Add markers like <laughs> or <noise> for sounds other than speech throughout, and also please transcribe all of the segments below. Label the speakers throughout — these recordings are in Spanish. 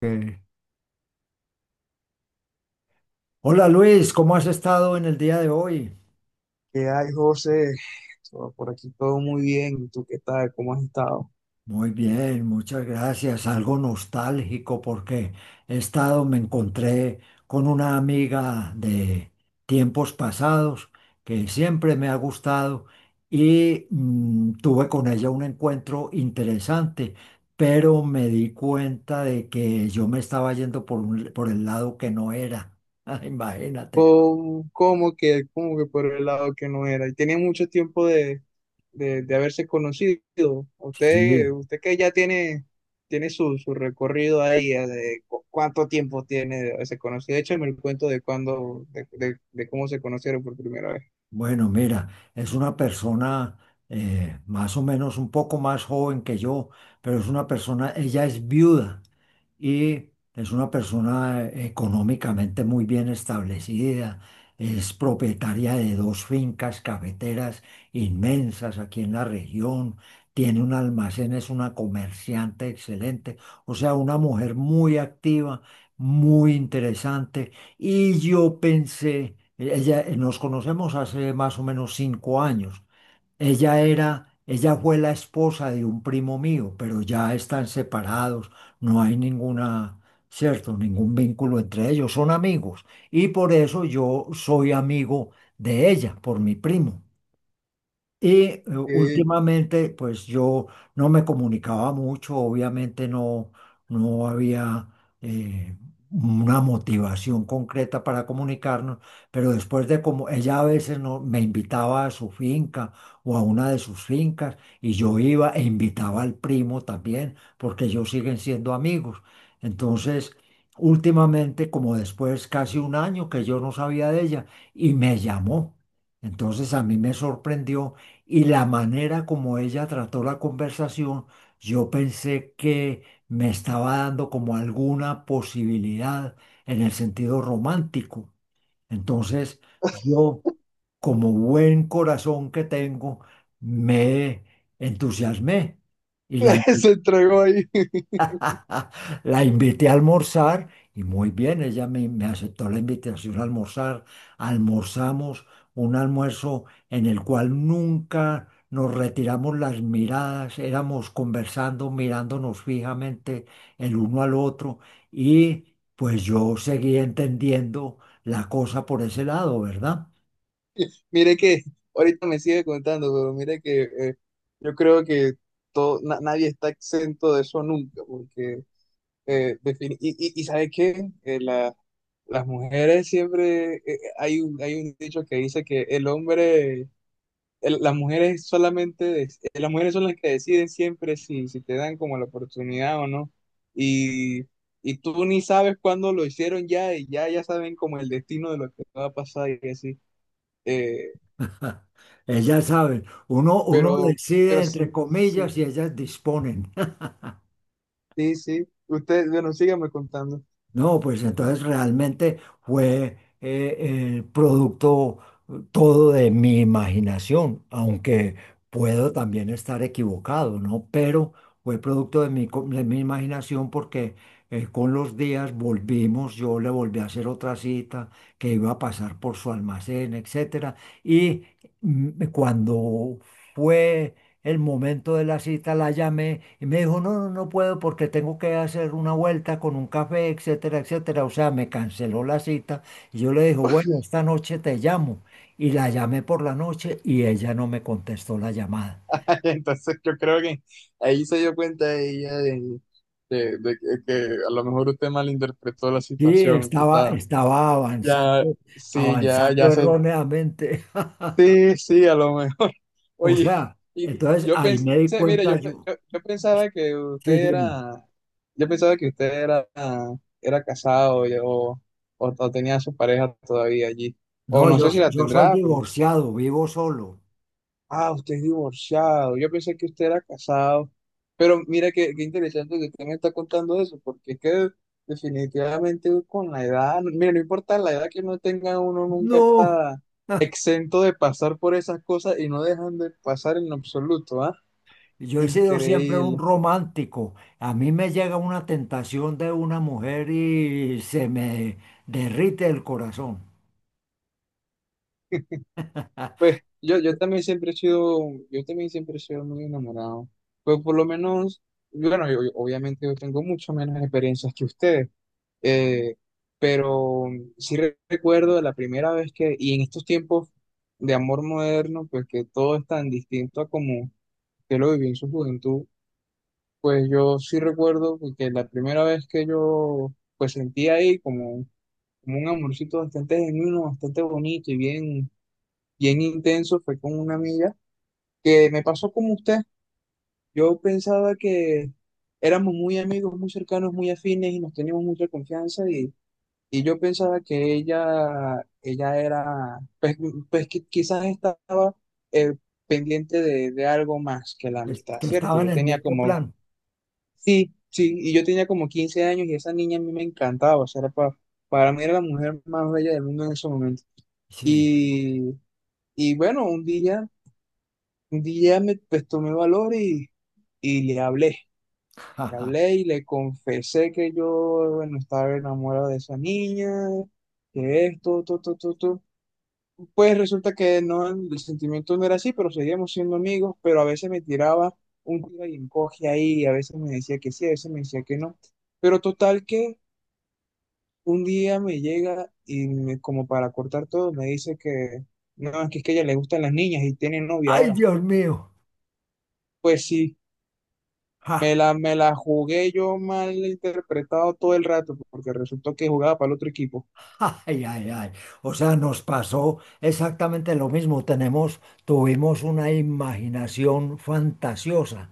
Speaker 1: Ok. Hola Luis, ¿cómo has estado en el día de hoy?
Speaker 2: ¿Qué hay, José? Todo por aquí todo muy bien. ¿Y tú qué tal? ¿Cómo has estado?
Speaker 1: Muy bien, muchas gracias. Algo nostálgico porque he estado, me encontré con una amiga de tiempos pasados que siempre me ha gustado y tuve con ella un encuentro interesante, pero me di cuenta de que yo me estaba yendo por el lado que no era. <laughs> Imagínate.
Speaker 2: ¿Cómo, cómo que por el lado que no era? Y tenía mucho tiempo de, de haberse conocido. Usted,
Speaker 1: Sí.
Speaker 2: usted que ya tiene, tiene su, su recorrido ahí, de cuánto tiempo tiene de haberse conocido. Échame el cuento de cuándo, de cómo se conocieron por primera vez.
Speaker 1: Bueno, mira, es una persona más o menos un poco más joven que yo, pero es una persona, ella es viuda y es una persona económicamente muy bien establecida, es propietaria de dos fincas cafeteras inmensas aquí en la región, tiene un almacén, es una comerciante excelente, o sea, una mujer muy activa, muy interesante y yo pensé, ella, nos conocemos hace más o menos 5 años. Ella era, ella fue la esposa de un primo mío, pero ya están separados, no hay ninguna, cierto, ningún vínculo entre ellos, son amigos. Y por eso yo soy amigo de ella, por mi primo. Y
Speaker 2: ¿Qué
Speaker 1: últimamente, pues yo no me comunicaba mucho, obviamente no, no había eh, una motivación concreta para comunicarnos, pero después de como ella a veces no, me invitaba a su finca o a una de sus fincas y yo iba e invitaba al primo también, porque ellos siguen siendo amigos. Entonces, últimamente, como después casi un año que yo no sabía de ella, y me llamó. Entonces a mí me sorprendió y la manera como ella trató la conversación, yo pensé que me estaba dando como alguna posibilidad en el sentido romántico. Entonces, yo, como buen corazón que tengo, me entusiasmé y la
Speaker 2: <laughs> se entregó ahí?
Speaker 1: <laughs> La invité a almorzar y muy bien, me aceptó la invitación a almorzar. Almorzamos un almuerzo en el cual nunca nos retiramos las miradas, éramos conversando, mirándonos fijamente el uno al otro y pues yo seguí entendiendo la cosa por ese lado, ¿verdad?
Speaker 2: Mire que <laughs> ahorita me sigue contando, pero mire que yo creo que todo, nadie está exento de eso nunca, porque y ¿sabe qué? Las mujeres siempre, hay un dicho que dice que el hombre, las mujeres solamente, las mujeres son las que deciden siempre si, si te dan como la oportunidad o no, y, y tú ni sabes cuándo lo hicieron ya, y ya, ya saben como el destino de lo que va a pasar y así. Eh,
Speaker 1: <laughs> Ellas saben, uno
Speaker 2: Pero,
Speaker 1: decide
Speaker 2: pero sí,
Speaker 1: entre
Speaker 2: sí,
Speaker 1: comillas y ellas disponen.
Speaker 2: sí, sí. Usted, bueno, sígame contando.
Speaker 1: No, pues entonces realmente fue el producto todo de mi imaginación, aunque puedo también estar equivocado, ¿no? Pero fue producto de mi imaginación porque con los días volvimos, yo le volví a hacer otra cita que iba a pasar por su almacén, etcétera. Y cuando fue el momento de la cita, la llamé y me dijo, no, no, no puedo porque tengo que hacer una vuelta con un café, etcétera, etcétera. O sea, me canceló la cita y yo le dije, bueno, esta noche te llamo. Y la llamé por la noche y ella no me contestó la llamada.
Speaker 2: <laughs> Entonces yo creo que ahí se dio cuenta ella de, de que a lo mejor usted malinterpretó la
Speaker 1: Sí,
Speaker 2: situación, quizás.
Speaker 1: estaba
Speaker 2: Ya,
Speaker 1: avanzando,
Speaker 2: sí, ya,
Speaker 1: avanzando
Speaker 2: ya sé.
Speaker 1: erróneamente. <laughs>
Speaker 2: Sí, sí, a lo mejor. <laughs>
Speaker 1: O
Speaker 2: Oye,
Speaker 1: sea,
Speaker 2: y
Speaker 1: entonces
Speaker 2: yo
Speaker 1: ahí
Speaker 2: pensé,
Speaker 1: me di
Speaker 2: mire,
Speaker 1: cuenta yo.
Speaker 2: yo pensaba que usted
Speaker 1: Sí, dime.
Speaker 2: era, yo pensaba que usted era, era casado o tenía a su pareja todavía allí.
Speaker 1: No,
Speaker 2: O no sé si la
Speaker 1: yo soy
Speaker 2: tendrá.
Speaker 1: divorciado, vivo solo.
Speaker 2: Ah, usted es divorciado. Yo pensé que usted era casado. Pero mira qué, qué interesante que usted me está contando eso, porque es que definitivamente con la edad, mira, no importa la edad que uno tenga, uno nunca
Speaker 1: No.
Speaker 2: está
Speaker 1: <laughs>
Speaker 2: exento de pasar por esas cosas y no dejan de pasar en absoluto, ¿ah?
Speaker 1: Yo he sido siempre un
Speaker 2: Increíble.
Speaker 1: romántico. A mí me llega una tentación de una mujer y se me derrite el corazón.
Speaker 2: Pues
Speaker 1: <laughs>
Speaker 2: yo también siempre he sido, yo también siempre he sido muy enamorado. Pues por lo menos, bueno, obviamente yo tengo mucho menos experiencias que ustedes. Eh, pero sí recuerdo la primera vez que, y en estos tiempos de amor moderno, pues que todo es tan distinto a como yo lo viví en su juventud, pues yo sí recuerdo pues, que la primera vez que yo pues sentí ahí como, como un amorcito bastante genuino, bastante bonito y bien, bien intenso, fue con una amiga que me pasó como usted. Yo pensaba que éramos muy amigos, muy cercanos, muy afines y nos teníamos mucha confianza. Y yo pensaba que ella era, pues, pues quizás estaba eh, pendiente de algo más que la
Speaker 1: Es
Speaker 2: amistad,
Speaker 1: que
Speaker 2: ¿cierto?
Speaker 1: estaba en
Speaker 2: Yo
Speaker 1: el
Speaker 2: tenía
Speaker 1: mismo
Speaker 2: como,
Speaker 1: plan.
Speaker 2: sí, sí, y yo tenía como 15 años y esa niña a mí me encantaba, o sea, era para mí era la mujer más bella del mundo en ese momento.
Speaker 1: Sí.
Speaker 2: Y, y bueno, un día me, pues, tomé valor y le hablé. Le
Speaker 1: <laughs>
Speaker 2: hablé y le confesé que yo, bueno, estaba enamorado de esa niña, que esto, todo, todo, todo, todo. Pues resulta que no, el sentimiento no era así, pero seguíamos siendo amigos, pero a veces me tiraba un tiro y encoge ahí, a veces me decía que sí, a veces me decía que no. Pero total que un día me llega y como para cortar todo, me dice que no, es que a ella le gustan las niñas y tiene novia
Speaker 1: Ay,
Speaker 2: ahora.
Speaker 1: Dios mío. <laughs>
Speaker 2: Pues sí.
Speaker 1: Ja,
Speaker 2: Me la jugué yo mal interpretado todo el rato, porque resultó que jugaba para el otro equipo.
Speaker 1: ja, ay, ay, ay. O sea, nos pasó exactamente lo mismo. Tenemos, tuvimos una imaginación fantasiosa,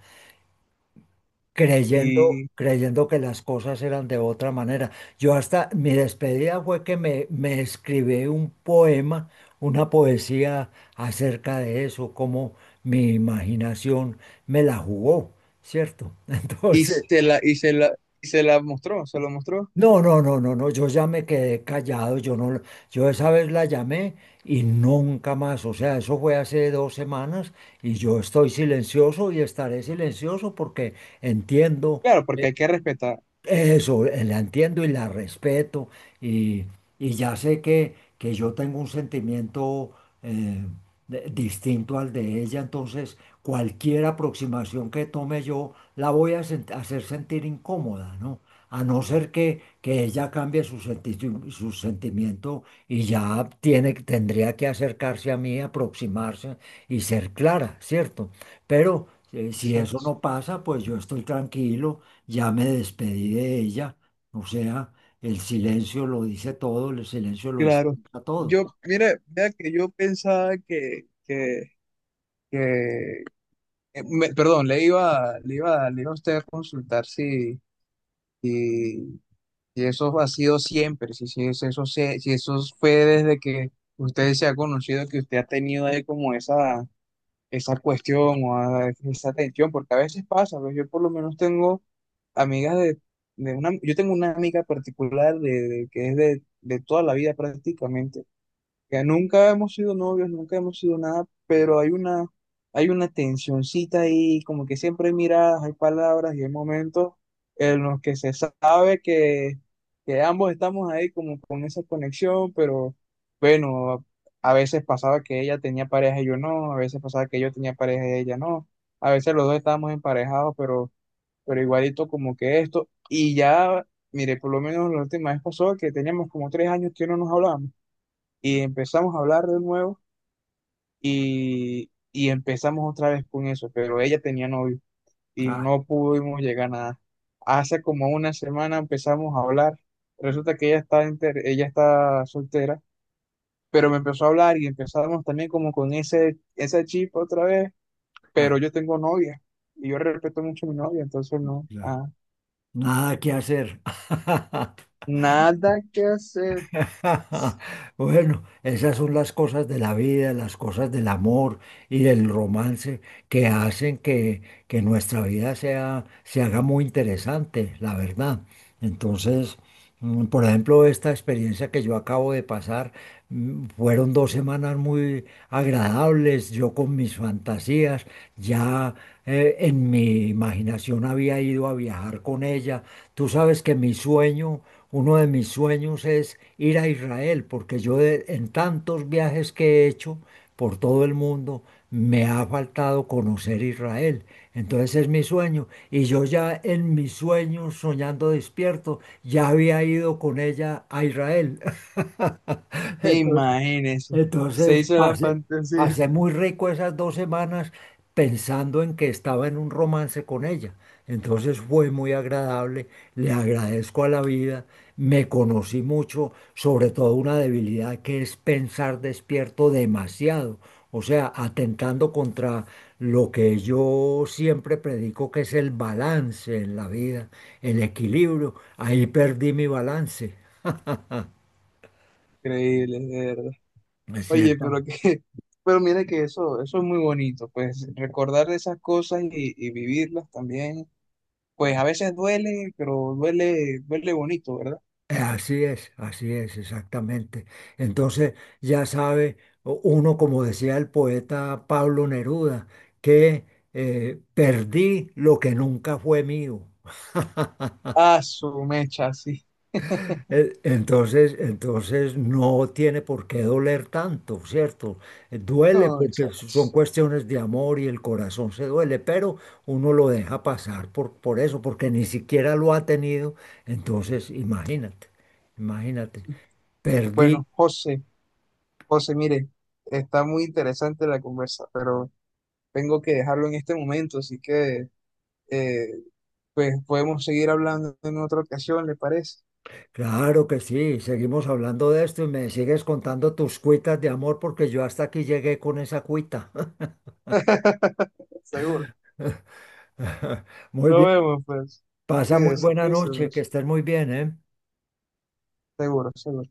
Speaker 1: creyendo,
Speaker 2: Y,
Speaker 1: creyendo que las cosas eran de otra manera. Yo hasta mi despedida fue que me escribí un poema, una poesía acerca de eso, cómo mi imaginación me la jugó, ¿cierto? <laughs>
Speaker 2: y
Speaker 1: Entonces,
Speaker 2: se la, y se la, y se la mostró, se lo mostró.
Speaker 1: no, no, no, no, no, yo ya me quedé callado, yo no, yo esa vez la llamé y nunca más, o sea, eso fue hace 2 semanas y yo estoy silencioso y estaré silencioso porque entiendo.
Speaker 2: Claro, porque hay que respetar.
Speaker 1: Eso, la entiendo y la respeto y, y ya sé que yo tengo un sentimiento eh, distinto al de ella, entonces cualquier aproximación que tome yo la voy hacer sentir incómoda, ¿no? A no ser que ella cambie su sentimiento y ya tiene, tendría que acercarse a mí, aproximarse y ser clara, ¿cierto? Pero si eso
Speaker 2: Exacto.
Speaker 1: no pasa, pues yo estoy tranquilo, ya me despedí de ella, o sea, el silencio lo dice todo, el silencio lo
Speaker 2: Claro.
Speaker 1: explica todo.
Speaker 2: Yo, mira, mira que yo pensaba que me- perdón, le iba a usted a consultar si, si, si eso ha sido siempre, si, si eso fue desde que usted se ha conocido, que usted ha tenido ahí como esa cuestión o a esa atención, porque a veces pasa, pues yo por lo menos tengo amigas de, yo tengo una amiga particular de, que es de toda la vida prácticamente, ya nunca hemos sido novios, nunca hemos sido nada, pero hay una tensioncita ahí, como que siempre hay miradas, hay palabras y hay momentos en los que se sabe que ambos estamos ahí como con esa conexión, pero bueno, a veces pasaba que ella tenía pareja y yo no, a veces pasaba que yo tenía pareja y ella no, a veces los dos estábamos emparejados, pero igualito como que esto, y ya, mire, por lo menos la última vez pasó que teníamos como 3 años que no nos hablábamos. Y empezamos a hablar de nuevo y empezamos otra vez con eso, pero ella tenía novio y
Speaker 1: Ah,
Speaker 2: no pudimos llegar a nada. Hace como una semana empezamos a hablar, resulta que ella está, ella está soltera, pero me empezó a hablar y empezamos también como con ese, ese chip otra vez,
Speaker 1: ah,
Speaker 2: pero yo tengo novia y yo respeto mucho a mi novia, entonces no,
Speaker 1: ya.
Speaker 2: ah,
Speaker 1: Nada que hacer. <laughs>
Speaker 2: nada que hacer,
Speaker 1: Bueno, esas son las cosas de la vida, las cosas del amor y del romance que hacen que nuestra vida sea, se haga muy interesante, la verdad. Entonces, mm, por ejemplo, esta experiencia que yo acabo de pasar, fueron dos semanas muy agradables, yo con mis fantasías, ya en mi imaginación había ido a viajar con ella. Tú sabes que mi sueño, uno de mis sueños es ir a Israel, porque en tantos viajes que he hecho por todo el mundo, me ha faltado conocer Israel. Entonces es mi sueño. Y yo ya en mis sueños, soñando despierto, ya había ido con ella a Israel. <laughs> Entonces,
Speaker 2: imagínense, se
Speaker 1: entonces
Speaker 2: hizo la
Speaker 1: pasé,
Speaker 2: fantasía.
Speaker 1: pasé
Speaker 2: <laughs>
Speaker 1: muy rico esas 2 semanas pensando en que estaba en un romance con ella. Entonces fue muy agradable, le agradezco a la vida, me conocí mucho, sobre todo una debilidad que es pensar despierto demasiado, o sea, atentando contra lo que yo siempre predico que es el balance en la vida, el equilibrio. Ahí perdí mi balance,
Speaker 2: Increíble, de verdad.
Speaker 1: ¿no es
Speaker 2: Oye,
Speaker 1: cierto?
Speaker 2: pero que, <laughs> pero mira que eso es muy bonito, pues recordar de esas cosas y vivirlas también, pues a veces duele, pero duele, duele bonito, ¿verdad?
Speaker 1: Así es, exactamente. Entonces, ya sabe uno, como decía el poeta Pablo Neruda, que perdí lo que nunca fue mío. <laughs>
Speaker 2: Ah, su mecha, sí. <laughs>
Speaker 1: Entonces no tiene por qué doler tanto, ¿cierto? Duele
Speaker 2: No,
Speaker 1: porque son
Speaker 2: exacto.
Speaker 1: cuestiones de amor y el corazón se duele, pero uno lo deja pasar por eso, porque ni siquiera lo ha tenido. Entonces, imagínate, imagínate. Perdí.
Speaker 2: Bueno, José, José, mire, está muy interesante la conversa, pero tengo que dejarlo en este momento, así que eh, pues podemos seguir hablando en otra ocasión, ¿le parece?
Speaker 1: Claro que sí, seguimos hablando de esto y me sigues contando tus cuitas de amor porque yo hasta aquí llegué con esa cuita.
Speaker 2: <laughs> Seguro.
Speaker 1: <laughs> Muy
Speaker 2: Nos
Speaker 1: bien,
Speaker 2: vemos, pues.
Speaker 1: pasa muy
Speaker 2: Cuídese,
Speaker 1: buena
Speaker 2: cuídese.
Speaker 1: noche, que estés muy bien, ¿eh?
Speaker 2: Seguro, seguro.